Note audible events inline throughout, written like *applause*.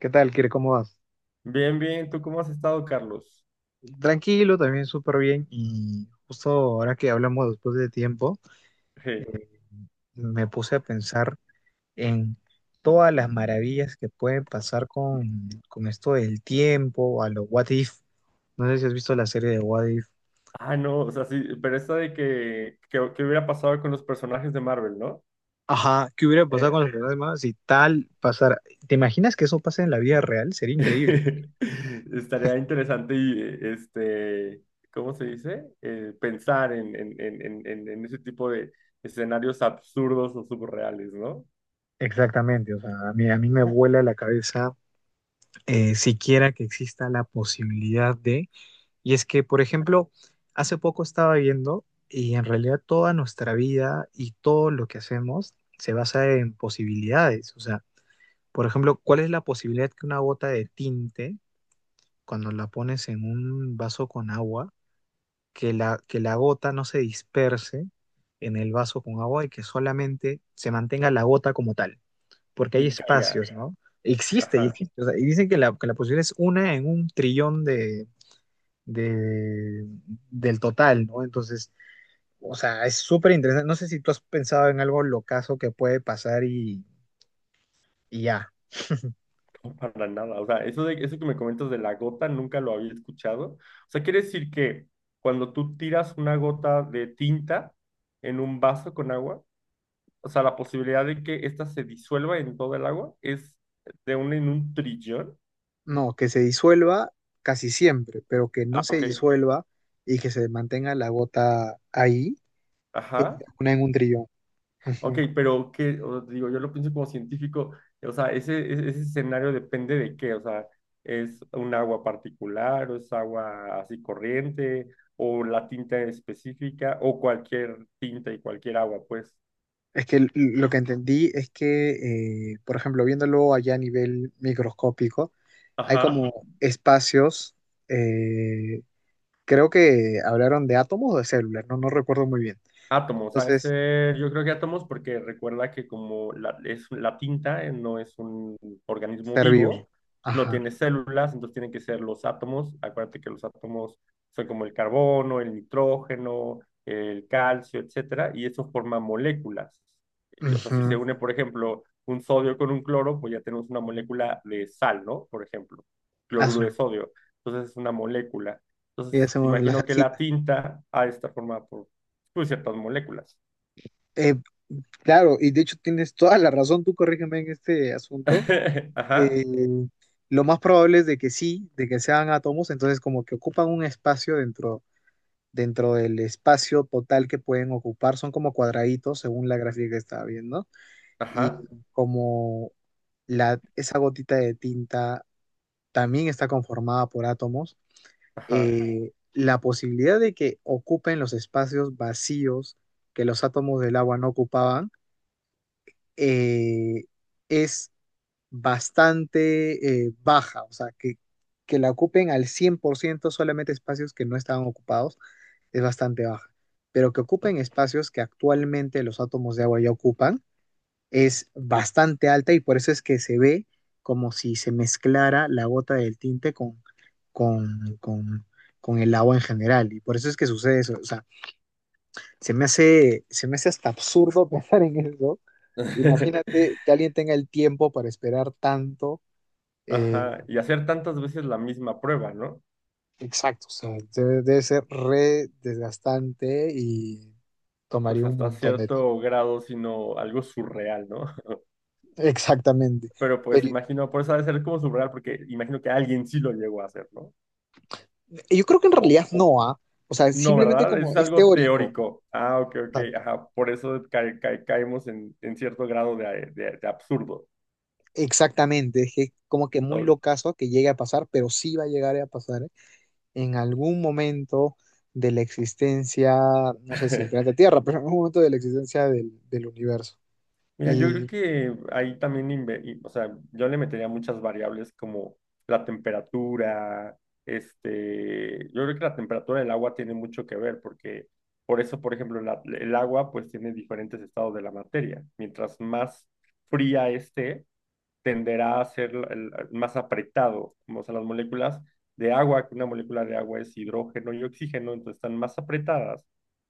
¿Qué tal, Kire? ¿Cómo vas? Bien, bien, ¿tú cómo has estado, Carlos? Tranquilo, también súper bien. Y justo ahora que hablamos después de tiempo, Je. eh, me puse a pensar en todas las maravillas que pueden pasar con esto del tiempo, a lo what if. No sé si has visto la serie de what if. Ah, no, o sea, sí, pero esta de que hubiera pasado con los personajes de Marvel, ¿no? Ajá, ¿qué hubiera pasado con los Eh, problemas si tal pasara? ¿Te imaginas que eso pase en la vida real? Sería increíble. *laughs* estaría interesante y, ¿cómo se dice? Pensar en ese tipo de escenarios absurdos o subreales, ¿no? Exactamente, o sea, a mí me vuela la cabeza siquiera que exista la posibilidad de. Y es que, por ejemplo, hace poco estaba viendo y en realidad toda nuestra vida y todo lo que hacemos se basa en posibilidades. O sea, por ejemplo, ¿cuál es la posibilidad que una gota de tinte, cuando la pones en un vaso con agua, que la gota no se disperse en el vaso con agua y que solamente se mantenga la gota como tal? Porque hay Y caiga. espacios, ¿no? Existe y Ajá. existe. O sea, y dicen que que la posibilidad es una en un trillón de, del total, ¿no? Entonces, o sea, es súper interesante. No sé si tú has pensado en algo locazo que puede pasar y ya. No, para nada. O sea, eso que me comentas de la gota nunca lo había escuchado. O sea, quiere decir que cuando tú tiras una gota de tinta en un vaso con agua, o sea, la posibilidad de que ésta se disuelva en todo el agua es de un en un trillón. No, que se disuelva casi siempre, pero que Ah, no se ok. disuelva y que se mantenga la gota ahí, eh, Ajá. una en un trillón. Ujú. Ok, pero que, digo, yo lo pienso como científico, o sea, ese escenario depende de qué, o sea, es un agua particular, o es agua así corriente, o la tinta específica, o cualquier tinta y cualquier agua, pues. Es que lo que entendí es que, por ejemplo, viéndolo allá a nivel microscópico, hay Ajá. como espacios, eh, creo que hablaron de átomos o de células, no, no recuerdo muy bien. Átomos, ha de Entonces, ser, yo creo que átomos, porque recuerda que la tinta no es un organismo estar vivo. vivo, no Ajá. tiene células, entonces tienen que ser los átomos. Acuérdate que los átomos son como el carbono, el nitrógeno, el calcio, etcétera, y eso forma moléculas. Y, o sea, si se Ujú. une, por ejemplo, un sodio con un cloro, pues ya tenemos una molécula de sal, ¿no? Por ejemplo, cloruro Asu. de sodio. Entonces es una molécula. Y Entonces, hacemos la imagino que la salsita. tinta ha de estar formada por pues ciertas moléculas. Eh, claro, y de hecho tienes toda la razón, tú corrígeme en este asunto. *laughs* Eh, Ajá, lo más probable es de que sí, de que sean átomos, entonces como que ocupan un espacio dentro, dentro del espacio total que pueden ocupar, son como cuadraditos según la gráfica que estaba viendo, y ajá, como esa gotita de tinta también está conformada por átomos, ajá. La posibilidad de que ocupen los espacios vacíos que los átomos del agua no ocupaban eh, es bastante baja, o sea, que la ocupen al 100% solamente espacios que no estaban ocupados es bastante baja, pero que ocupen espacios que actualmente los átomos de agua ya ocupan es bastante alta y por eso es que se ve como si se mezclara la gota del tinte con, con, con el agua en general. Y por eso es que sucede eso. O sea, se me hace hasta absurdo *laughs* pensar en eso. Imagínate *laughs* que alguien tenga el tiempo para esperar tanto. eh, Ajá, y hacer tantas veces la misma prueba, ¿no? exacto, o sea, debe ser re desgastante y Pues tomaría un hasta montón de tiempo. cierto grado, sino algo surreal, ¿no? *laughs* *laughs* Exactamente. Pero pues Pero imagino, por eso ha de ser como surreal, porque imagino que alguien sí lo llegó a hacer, ¿no? yo creo que en O, realidad o- no, ¿ah? O sea, no, simplemente ¿verdad? como Es es algo teórico. teórico. Ah, ok, ok, Exacto. ajá. Por eso caemos en cierto grado de absurdo. Exactamente, es que como que muy Ok. locazo que llegue a pasar, pero sí va a llegar a pasar en algún momento de la existencia, no sé si del *laughs* planeta Tierra, pero en algún momento de la existencia del universo. Mira, yo creo Y que ahí también, o sea, yo le metería muchas variables como la temperatura, yo creo que la temperatura del agua tiene mucho que ver porque por eso, por ejemplo, el agua pues tiene diferentes estados de la materia. Mientras más fría esté, tenderá a ser el más apretado, como son las moléculas de agua, que una molécula de agua es hidrógeno y oxígeno, entonces están más apretadas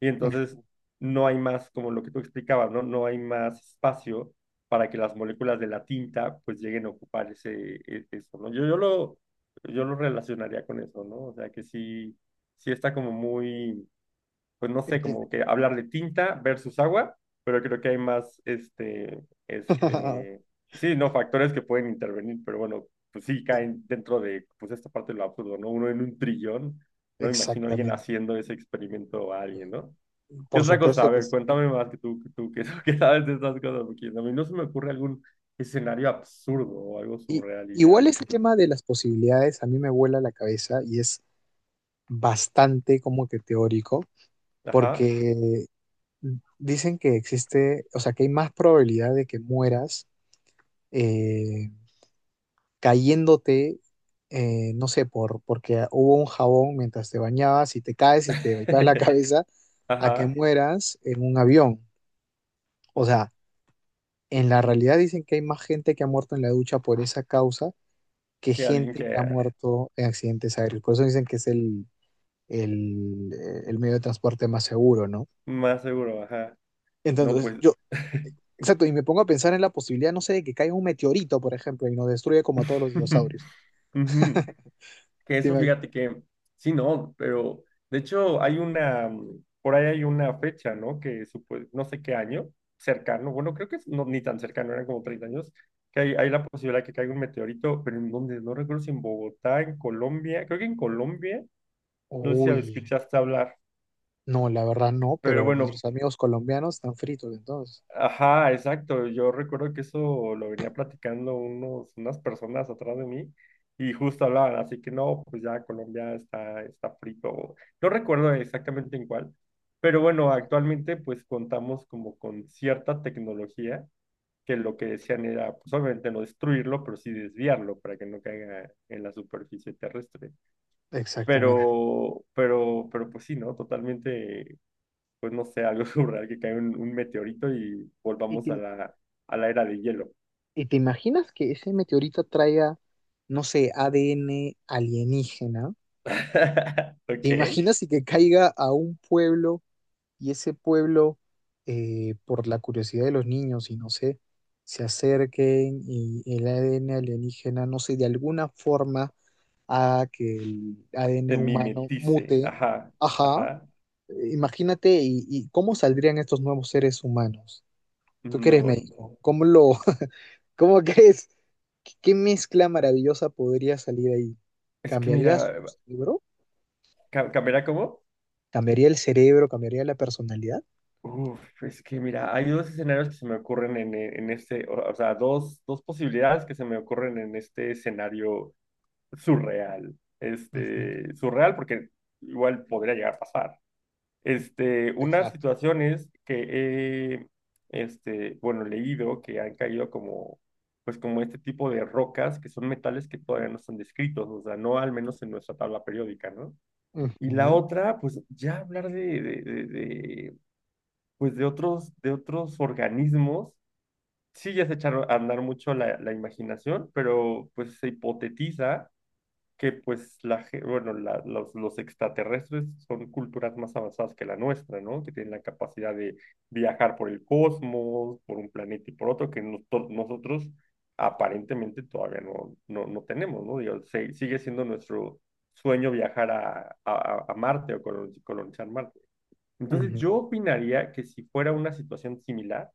y entonces no hay más, como lo que tú explicabas, ¿no? No hay más espacio para que las moléculas de la tinta pues lleguen a ocupar eso, ¿no? Yo lo relacionaría con eso, ¿no? O sea que sí, sí está como muy pues no sé, como que hablar de tinta versus agua, pero creo que hay más, *laughs* este, sí, no, factores que pueden intervenir, pero bueno, pues sí caen dentro de, pues esta parte de lo absurdo, ¿no? Uno en un trillón, no me imagino a alguien exactamente, haciendo ese experimento a alguien, ¿no? ¿Qué por otra cosa? A supuesto que ver, sí. cuéntame más *laughs* que sabes de estas cosas, porque a mí no se me ocurre algún escenario absurdo o algo Y surreal y ya igual lo este discuto. tema de las posibilidades a mí me vuela la cabeza y es bastante como que teórico, Ajá. porque dicen que existe, o sea, que hay más probabilidad de que mueras eh, cayéndote, no sé, porque hubo un jabón mientras te bañabas y te caes y te golpeas la *laughs* cabeza, a que Ajá. mueras en un avión. O sea, en la realidad dicen que hay más gente que ha muerto en la ducha por esa causa que Que alguien gente que que ha muerto en accidentes aéreos. Por eso dicen que es el medio de transporte más seguro, ¿no? más seguro, ajá. No, Entonces, pues. yo, exacto, y me pongo a pensar en la posibilidad, no sé, de que caiga un meteorito, por ejemplo, y nos destruya como a todos los *laughs* dinosaurios. Ujú, que ¿Te eso, imag- fíjate que sí, no, pero de hecho por ahí hay una fecha, ¿no? Que no sé qué año, cercano, bueno, creo que no, ni tan cercano, eran como 30 años, que hay la posibilidad de que caiga un meteorito, pero en donde, no recuerdo si en Bogotá, en Colombia, creo que en Colombia, no sé si Uy, escuchaste hablar, no, la verdad no, pero pero bueno, nuestros amigos colombianos están fritos entonces. ajá, exacto. Yo recuerdo que eso lo venía platicando unas personas atrás de mí y justo hablaban, así que no, pues ya Colombia está frito. No recuerdo exactamente en cuál, pero bueno, actualmente pues contamos como con cierta tecnología que lo que decían era, pues obviamente no destruirlo, pero sí desviarlo para que no caiga en la superficie terrestre. Exactamente. Pero pues sí, ¿no? Totalmente pues no sé, algo *laughs* surreal, que caiga un meteorito y ¿Y volvamos a la era de hielo. y te imaginas que ese meteorito traiga, no sé, ADN alienígena? *laughs* ¿Te Ok, imaginas si que caiga a un pueblo y ese pueblo, por la curiosidad de los niños y no sé, se acerquen y el ADN alienígena, no sé, de alguna forma haga que el ADN se humano mimetice, mute? ajá, Ajá. ajá. Imagínate, y cómo saldrían estos nuevos seres humanos. Tú que eres No, médico, *laughs* ¿cómo crees? ¿Qué, qué mezcla maravillosa podría salir ahí? es que ¿Cambiaría su mira, cerebro? ¿Cambiará cómo? ¿Cambiaría el cerebro? ¿Cambiaría la personalidad? Uf, es que mira, hay dos escenarios que se me ocurren en este, o sea, dos posibilidades que se me ocurren en este escenario surreal. Ujú, Surreal porque igual podría llegar a pasar. Unas exacto. situaciones que he leído que han caído como, pues como este tipo de rocas, que son metales que todavía no están descritos, o sea, no al menos en nuestra tabla periódica, ¿no? Y la Ujú, otra, pues ya hablar de, pues de otros organismos, sí ya se echaron a andar mucho la imaginación, pero pues se hipotetiza que pues la, ge- bueno, la- los extraterrestres son culturas más avanzadas que la nuestra, ¿no? Que tienen la capacidad de viajar por el cosmos, por un planeta y por otro, que nosotros aparentemente todavía no tenemos, ¿no? Digo, sigue siendo nuestro sueño viajar a Marte o colonizar Marte. Entonces ujú, yo opinaría que si fuera una situación similar,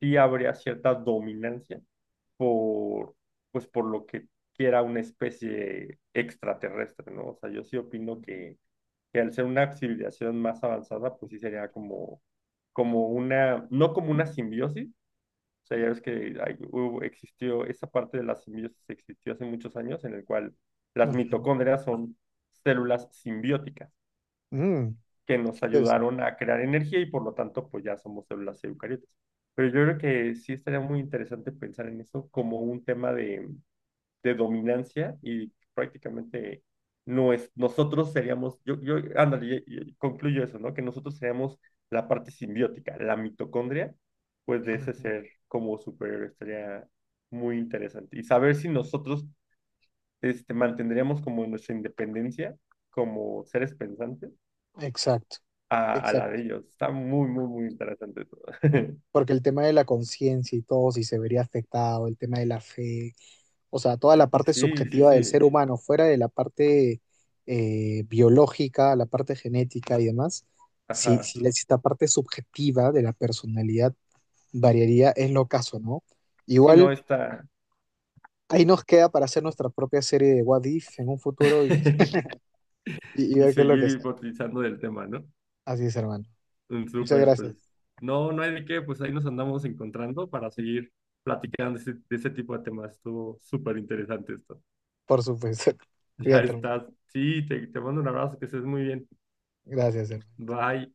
sí habría cierta dominancia por, pues por lo que quiera una especie extraterrestre, ¿no? O sea, yo sí opino que al ser una civilización más avanzada, pues sí sería como una, no como una simbiosis, o sea, ya ves que existió, esa parte de la simbiosis existió hace muchos años, en el cual las ujú. mitocondrias son células simbióticas Mm, que nos interesante. ayudaron a crear energía y por lo tanto, pues ya somos células eucariotas. Pero yo creo que sí estaría muy interesante pensar en eso como un tema de dominancia y prácticamente no es, nosotros seríamos, yo, ándale, y concluyo eso, ¿no? Que nosotros seríamos la parte simbiótica, la mitocondria, pues de ese Ujú. ser como superior estaría muy interesante. Y saber si nosotros mantendríamos como nuestra independencia como seres pensantes Exacto, a la de exacto, ellos. Está muy, muy, muy interesante todo. *laughs* porque el tema de la conciencia y todo, si se vería afectado, el tema de la fe, o sea, toda Sí, la parte sí, sí, subjetiva del ser sí. humano, fuera de la parte biológica, la parte genética y demás, si, Ajá. Si esta parte subjetiva de la personalidad variaría, es lo caso, ¿no? Sí, no, Igual está. ahí nos queda para hacer nuestra propia serie de What If en un futuro y, *laughs* y Y ver qué es lo que seguir es. hipotetizando del tema, ¿no? Así es, hermano. Muchas Súper, pues. gracias, No, no hay de qué, pues ahí nos andamos encontrando para seguir platicando de ese tipo de temas. Estuvo súper interesante esto. *laughs* por supuesto. *laughs* Ya Cuídate, hermano. estás. Sí, te mando un abrazo, que estés muy bien. Gracias, hermano. Bye.